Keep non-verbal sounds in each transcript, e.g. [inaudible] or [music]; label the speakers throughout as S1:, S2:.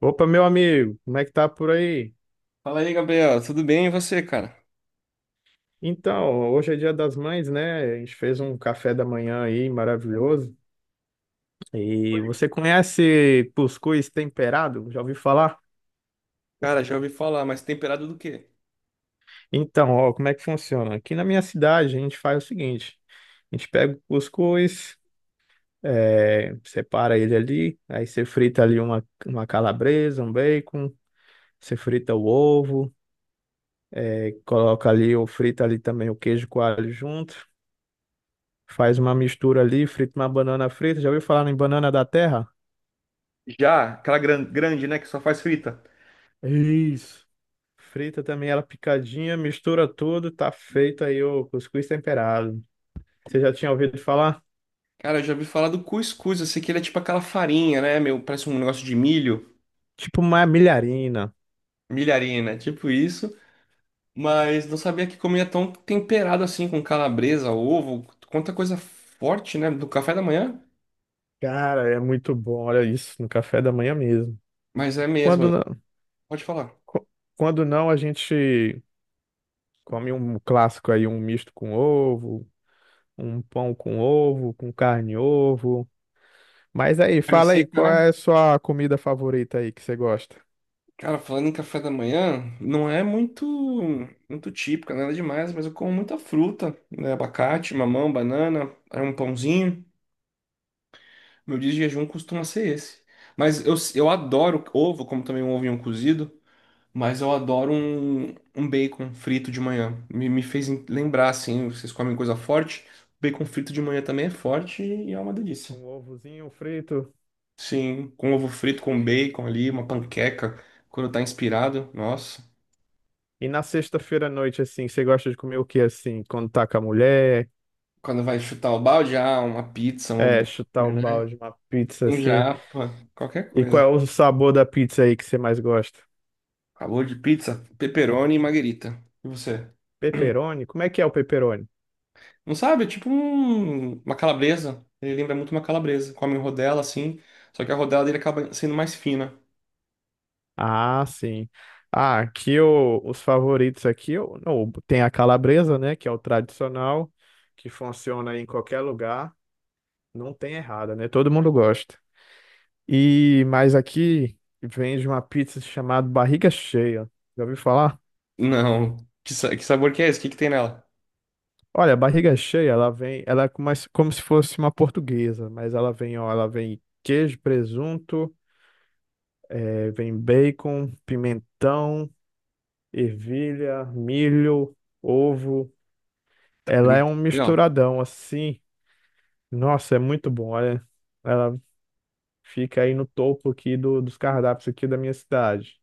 S1: Opa, meu amigo, como é que tá por aí?
S2: Fala aí, Gabriel. Tudo bem e você, cara?
S1: Então, hoje é Dia das Mães, né? A gente fez um café da manhã aí maravilhoso. E você conhece cuscuz temperado? Já ouviu falar?
S2: Cara, já ouvi falar, mas temperado do quê?
S1: Então, ó, como é que funciona? Aqui na minha cidade a gente faz o seguinte: a gente pega o cuscuz, separa ele ali, aí você frita ali uma calabresa, um bacon, você frita o ovo, coloca ali ou frita ali também o queijo coalho junto. Faz uma mistura ali, frita uma banana frita. Já ouviu falar em banana da terra?
S2: Já, aquela grande, né, que só faz frita.
S1: Isso. Frita também ela picadinha, mistura tudo, tá feito aí o cuscuz temperado. Você já tinha ouvido falar?
S2: Cara, eu já ouvi falar do cuscuz. Eu sei que ele é tipo aquela farinha, né? Meu, parece um negócio de milho,
S1: Tipo uma milharina.
S2: milharina, tipo isso. Mas não sabia que comia tão temperado assim, com calabresa, ovo, quanta coisa forte, né? Do café da manhã.
S1: Cara, é muito bom, olha isso, no café da manhã mesmo.
S2: Mas é
S1: Quando
S2: mesmo.
S1: não,
S2: Pode falar.
S1: qu- quando não, a gente come um clássico aí, um misto com ovo, um pão com ovo, com carne e ovo. Mas aí,
S2: Carne
S1: fala aí,
S2: seca,
S1: qual
S2: né?
S1: é a sua comida favorita aí que você gosta?
S2: Cara, falando em café da manhã, não é muito típico, nada demais, mas eu como muita fruta, né? Abacate, mamão, banana, aí um pãozinho. Meu dia de jejum costuma ser esse. Mas eu adoro ovo, como também um ovinho cozido, mas eu adoro um bacon frito de manhã. Me fez lembrar, assim, vocês comem coisa forte, bacon frito de manhã também é forte e é uma delícia.
S1: Um ovozinho frito.
S2: Sim, com ovo frito, com bacon ali, uma panqueca, quando tá inspirado, nossa.
S1: E na sexta-feira à noite, assim, você gosta de comer o que, assim, quando tá com a mulher?
S2: Quando vai chutar o balde, ah, uma pizza, um
S1: É, chutar
S2: hambúrguer,
S1: o
S2: né?
S1: balde, uma pizza,
S2: Um
S1: assim.
S2: japa, qualquer
S1: E qual
S2: coisa.
S1: é o sabor da pizza aí que você mais gosta?
S2: Acabou de pizza, pepperoni e marguerita. E você?
S1: Pepperoni? Como é que é o pepperoni?
S2: Não sabe? É tipo uma calabresa. Ele lembra muito uma calabresa. Come rodela assim, só que a rodela dele acaba sendo mais fina.
S1: Ah, sim. Ah, aqui os favoritos aqui, não, tem a calabresa, né, que é o tradicional, que funciona em qualquer lugar. Não tem errada, né? Todo mundo gosta. E, mas aqui vende uma pizza chamada barriga cheia. Já ouviu falar?
S2: Não. Que, que sabor que é esse? O que que tem nela?
S1: Olha, a barriga cheia, ela vem, ela é como se fosse uma portuguesa, mas ela vem, ó, ela vem queijo, presunto, vem bacon, pimentão, ervilha, milho, ovo.
S2: Tá.
S1: Ela é um
S2: Legal.
S1: misturadão assim. Nossa, é muito bom, olha. Ela fica aí no topo aqui dos cardápios aqui da minha cidade.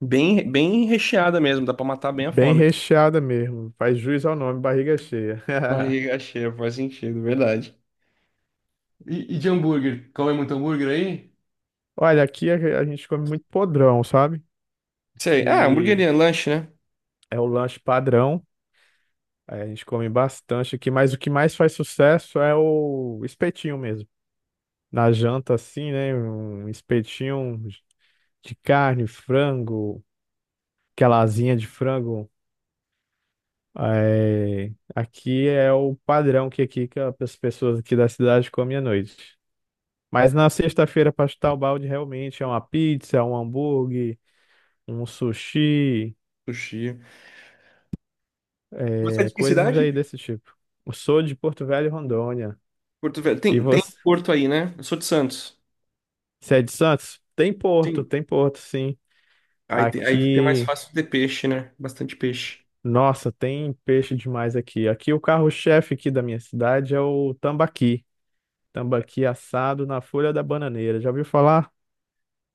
S2: Bem, bem recheada mesmo, dá pra matar bem a
S1: Bem
S2: fome.
S1: recheada mesmo. Faz jus ao nome, barriga cheia. [laughs]
S2: Barriga cheia, faz sentido, verdade. E de hambúrguer? Come muito hambúrguer aí?
S1: Olha, aqui a gente come muito podrão, sabe?
S2: Sei. Ah,
S1: Que
S2: hamburgueria, lanche, né?
S1: é o lanche padrão. É, a gente come bastante aqui, mas o que mais faz sucesso é o espetinho mesmo. Na janta, assim, né? Um espetinho de carne, frango, aquela asinha de frango. É, aqui é o padrão que aqui que as pessoas aqui da cidade comem à noite. Mas na sexta-feira, para chutar o balde, realmente é uma pizza, um hambúrguer, um sushi,
S2: Sushi. Você é
S1: é,
S2: de que
S1: coisas aí
S2: cidade?
S1: desse tipo. Eu sou de Porto Velho, Rondônia.
S2: Porto Velho.
S1: E
S2: Tem, tem
S1: você?
S2: Porto aí, né? Eu sou de Santos.
S1: Você é de Santos?
S2: Sim.
S1: Tem porto, sim.
S2: Aí tem mais
S1: Aqui,
S2: fácil de ter peixe, né? Bastante peixe.
S1: nossa, tem peixe demais aqui. Aqui o carro-chefe aqui da minha cidade é o tambaqui. Tambaqui assado na folha da bananeira. Já ouviu falar?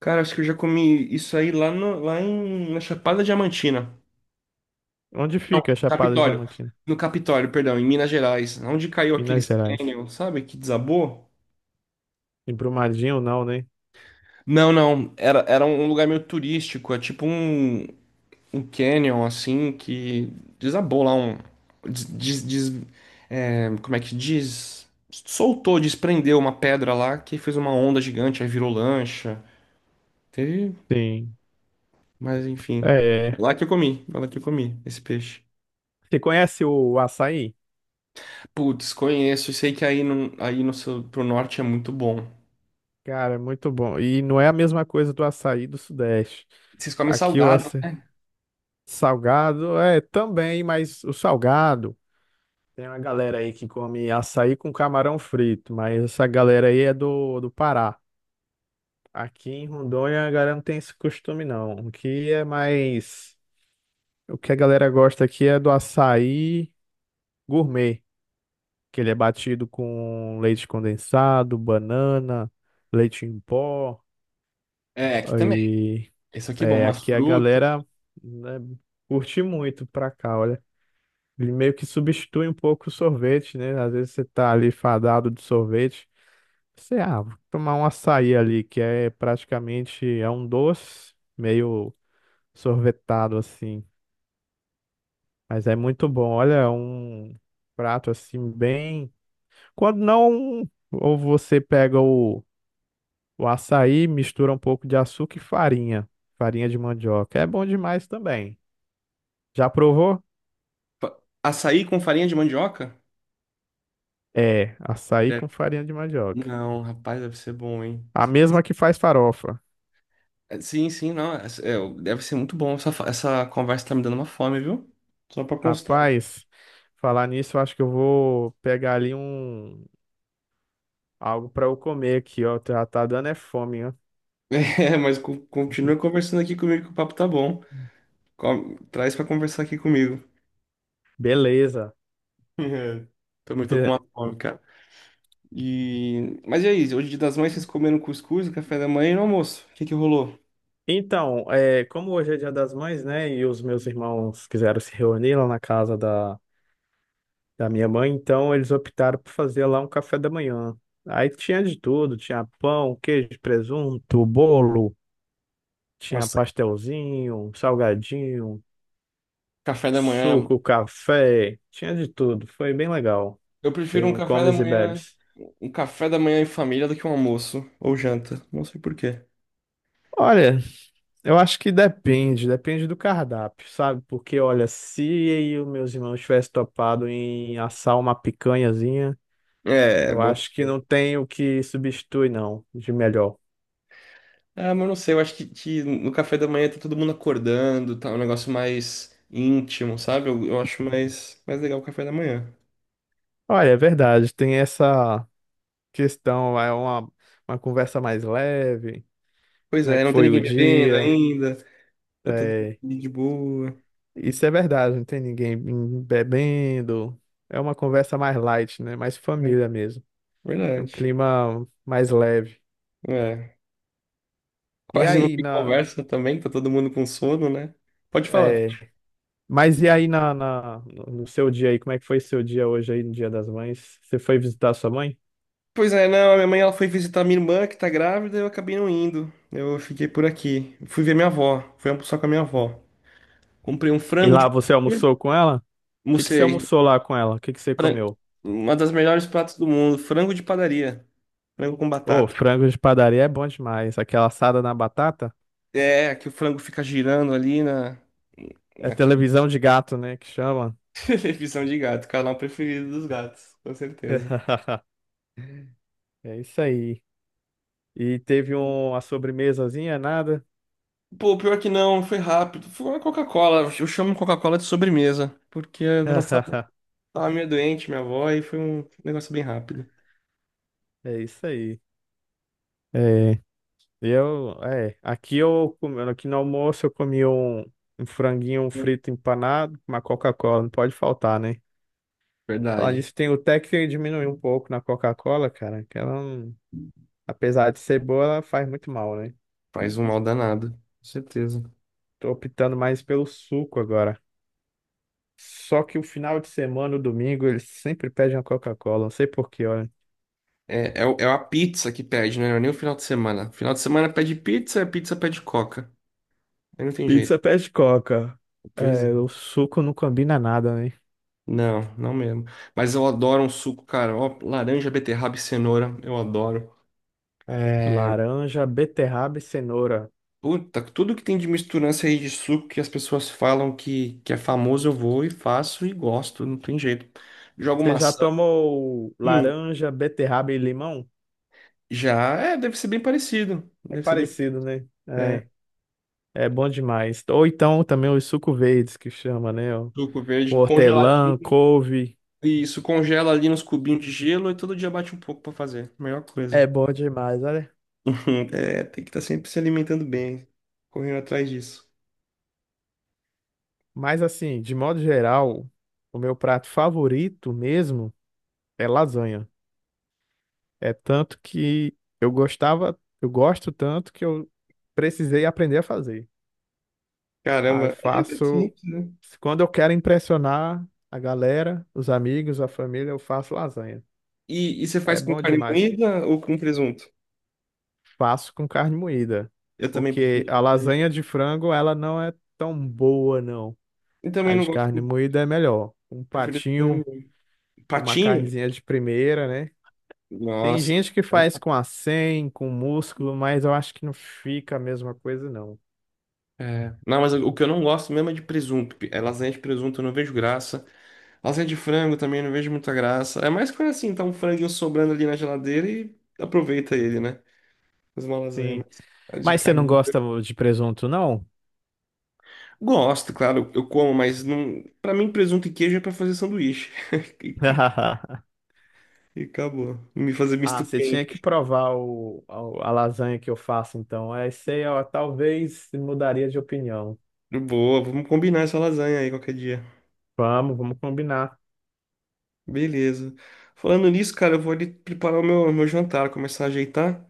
S2: Cara, acho que eu já comi isso aí lá, no, lá em, na Chapada Diamantina.
S1: Onde
S2: Não,
S1: fica a Chapada
S2: Capitólio.
S1: Diamantina?
S2: No Capitólio, perdão, em Minas Gerais. Onde caiu
S1: Minas
S2: aqueles
S1: Gerais.
S2: canyon, sabe? Que desabou?
S1: Em Brumadinho, não, né?
S2: Não, não. Era, era um lugar meio turístico. É tipo um, um canyon assim que desabou lá um des, des- des- é, como é que diz? Soltou, desprendeu uma pedra lá que fez uma onda gigante, aí virou lancha. Teve,
S1: Sim.
S2: mas enfim.
S1: É,
S2: É
S1: é.
S2: lá que eu comi, foi lá que eu comi esse peixe.
S1: Você conhece o açaí?
S2: Putz, conheço, sei que aí no seu, pro norte é muito bom.
S1: Cara, é muito bom. E não é a mesma coisa do açaí do Sudeste.
S2: Vocês comem
S1: Aqui o
S2: salgado?
S1: açaí salgado é também, mas o salgado. Tem uma galera aí que come açaí com camarão frito, mas essa galera aí é do Pará. Aqui em Rondônia a galera não tem esse costume, não. O que é mais. O que a galera gosta aqui é do açaí gourmet, que ele é batido com leite condensado, banana, leite em pó.
S2: É, aqui também.
S1: E
S2: Isso aqui é bom,
S1: é,
S2: umas
S1: aqui a
S2: frutas.
S1: galera né, curte muito pra cá, olha. Ele meio que substitui um pouco o sorvete, né? Às vezes você tá ali fadado de sorvete. Sei, ah, vou tomar um açaí ali, que é praticamente é um doce meio sorvetado assim, mas é muito bom. Olha, é um prato assim bem. Quando não, ou você pega o açaí, mistura um pouco de açúcar e farinha, farinha de mandioca. É bom demais também. Já provou?
S2: Açaí com farinha de mandioca?
S1: É, açaí
S2: Deve.
S1: com farinha de mandioca.
S2: Não, rapaz, deve ser bom, hein?
S1: A mesma que faz farofa.
S2: É, sim, sim, não. É, deve ser muito bom. Essa, essa conversa tá me dando uma fome, viu? Só pra constar. [laughs]
S1: Rapaz, falar nisso, eu acho que eu vou pegar ali um algo para eu comer aqui, ó. Já tá dando é fome, ó.
S2: É, mas continua conversando aqui comigo que o papo tá bom. Traz pra conversar aqui comigo. [laughs]
S1: Beleza.
S2: É, também tô com uma
S1: [laughs]
S2: fome, cara. E… Mas e aí, hoje é Dia das Mães, vocês comeram cuscuz, café da manhã e no almoço? O que que rolou?
S1: Então, é, como hoje é Dia das Mães, né? E os meus irmãos quiseram se reunir lá na casa da minha mãe, então eles optaram por fazer lá um café da manhã. Aí tinha de tudo, tinha pão, queijo, presunto, bolo, tinha
S2: Nossa,
S1: pastelzinho, salgadinho,
S2: café da manhã.
S1: suco, café, tinha de tudo. Foi bem legal.
S2: Eu prefiro
S1: Teve
S2: um
S1: um
S2: café da
S1: comes e
S2: manhã,
S1: bebes.
S2: um café da manhã em família do que um almoço ou janta. Não sei por quê.
S1: Olha, eu acho que depende, depende do cardápio, sabe? Porque, olha, se eu meus irmãos tivessem topado em assar uma picanhazinha,
S2: É,
S1: eu
S2: bom.
S1: acho que não tem o que substitui, não, de melhor.
S2: Ah, mas não sei, eu acho que no café da manhã tá todo mundo acordando, tá um negócio mais íntimo, sabe? Eu acho mais, mais legal o café da manhã.
S1: Olha, é verdade, tem essa questão, é uma conversa mais leve,
S2: Pois
S1: como é
S2: é,
S1: que
S2: não tem
S1: foi
S2: ninguém
S1: o
S2: bebendo
S1: dia,
S2: ainda, tá todo
S1: é,
S2: mundo de boa.
S1: isso é verdade, não tem ninguém bebendo, é uma conversa mais light, né? Mais
S2: É,
S1: família mesmo, é um
S2: verdade.
S1: clima mais leve.
S2: É,
S1: E
S2: quase não
S1: aí,
S2: tem
S1: na...
S2: conversa também, tá todo mundo com sono, né? Pode falar.
S1: é, mas e aí no seu dia aí, como é que foi seu dia hoje aí no Dia das Mães? Você foi visitar sua mãe?
S2: Pois é, não, a minha mãe ela foi visitar minha irmã que tá grávida, eu acabei não indo. Eu fiquei por aqui. Fui ver minha avó, fui almoçar com a minha avó. Comprei um
S1: E
S2: frango
S1: lá
S2: de
S1: você
S2: padeira,
S1: almoçou com ela? O que que você
S2: almocei.
S1: almoçou lá com ela? O que que você
S2: Fran-
S1: comeu?
S2: Uma das melhores pratos do mundo, frango de padaria, frango com
S1: Ô,
S2: batata.
S1: frango de padaria é bom demais. Aquela assada na batata?
S2: É, que o frango fica girando ali na,
S1: É
S2: naquele…
S1: televisão de gato, né, que chama?
S2: [laughs] Televisão de gato, canal preferido dos gatos, com certeza.
S1: [laughs] É isso aí. E teve um, a sobremesazinha, nada?
S2: Pô, pior que não, foi rápido. Foi uma Coca-Cola, eu chamo Coca-Cola de sobremesa, porque ela estava
S1: [laughs]
S2: meio doente, minha avó, e foi um negócio bem rápido.
S1: É isso aí. É. Eu, é, aqui eu, aqui no almoço eu comi um, um franguinho um
S2: Sim.
S1: frito empanado, uma Coca-Cola, não pode faltar, né? Falar
S2: Verdade.
S1: nisso, tem o até que diminuir um pouco na Coca-Cola, cara, que ela, não, apesar de ser boa, ela faz muito mal, né?
S2: Faz um mal danado, com certeza.
S1: Tô optando mais pelo suco agora. Só que o final de semana, o domingo, eles sempre pedem uma Coca-Cola, não sei por quê, olha.
S2: É, é, é a pizza que pede, né? Não é nem o final de semana. Final de semana pede pizza, a pizza pede Coca. Aí não tem jeito.
S1: Pizza pede Coca.
S2: Pois
S1: É,
S2: é.
S1: o suco não combina nada, né?
S2: Não, não mesmo. Mas eu adoro um suco, cara. Ó, laranja, beterraba e cenoura, eu adoro. É,
S1: Laranja, beterraba e cenoura.
S2: puta, tudo que tem de misturança aí de suco que as pessoas falam que é famoso, eu vou e faço e gosto, não tem jeito. Jogo
S1: Você já
S2: maçã.
S1: tomou
S2: Hum,
S1: laranja, beterraba e limão?
S2: já é, deve ser bem parecido.
S1: É
S2: Deve ser bem.
S1: parecido, né?
S2: É,
S1: É, é bom demais. Ou então também os suco verdes que chama, né? Ó,
S2: suco
S1: com
S2: verde
S1: hortelã,
S2: congeladinho.
S1: couve.
S2: Isso, congela ali nos cubinhos de gelo e todo dia bate um pouco pra fazer. Melhor
S1: É
S2: coisa.
S1: bom demais, olha.
S2: [laughs] É, tem que estar sempre se alimentando bem, correndo atrás disso.
S1: Mas assim, de modo geral, o meu prato favorito mesmo é lasanha. É tanto que eu gostava, eu gosto tanto que eu precisei aprender a fazer. Aí eu
S2: Caramba, é é
S1: faço.
S2: simples, né?
S1: Quando eu quero impressionar a galera, os amigos, a família, eu faço lasanha.
S2: E você
S1: É
S2: faz com
S1: bom
S2: carne
S1: demais.
S2: moída ou com presunto?
S1: Faço com carne moída.
S2: Eu também
S1: Porque
S2: prefiro.
S1: a lasanha de frango, ela não é tão boa, não.
S2: Eu
S1: A
S2: também não
S1: de
S2: gosto,
S1: carne moída é melhor. Um
S2: prefiro de carne
S1: patinho,
S2: moída.
S1: uma
S2: Patinho?
S1: carnezinha de primeira, né? Tem
S2: Nossa.
S1: gente que faz com acém, com músculo, mas eu acho que não fica a mesma coisa, não.
S2: É. Não, mas o que eu não gosto mesmo é de presunto. É lasanha de presunto, eu não vejo graça. Lasanha de frango também, eu não vejo muita graça. É mais coisa assim, tá um franguinho sobrando ali na geladeira e aproveita ele, né? Faz uma lasanha,
S1: Sim.
S2: mas a de
S1: Mas você não
S2: carne.
S1: gosta de presunto, não?
S2: Gosto, claro, eu como, mas não… para mim presunto e queijo é pra fazer sanduíche. [laughs]
S1: [laughs]
S2: E acabou. Me fazer misto
S1: Ah, você tinha que
S2: quente.
S1: provar o, a lasanha que eu faço, então. É isso aí, ó, talvez mudaria de opinião.
S2: Boa, vamos combinar essa lasanha aí qualquer dia.
S1: Vamos, vamos combinar.
S2: Beleza. Falando nisso, cara, eu vou ali preparar o meu jantar, começar a ajeitar.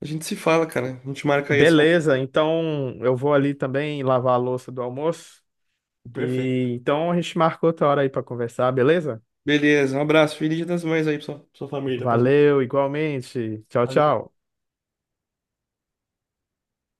S2: A gente se fala, cara. A gente marca aí esse almoço.
S1: Beleza, então eu vou ali também lavar a louça do almoço.
S2: Perfeito.
S1: E então a gente marca outra hora aí para conversar, beleza?
S2: Beleza, um abraço. Feliz Dia das Mães aí pra pra sua família. Pras mães.
S1: Valeu, igualmente. Tchau,
S2: Valeu.
S1: tchau.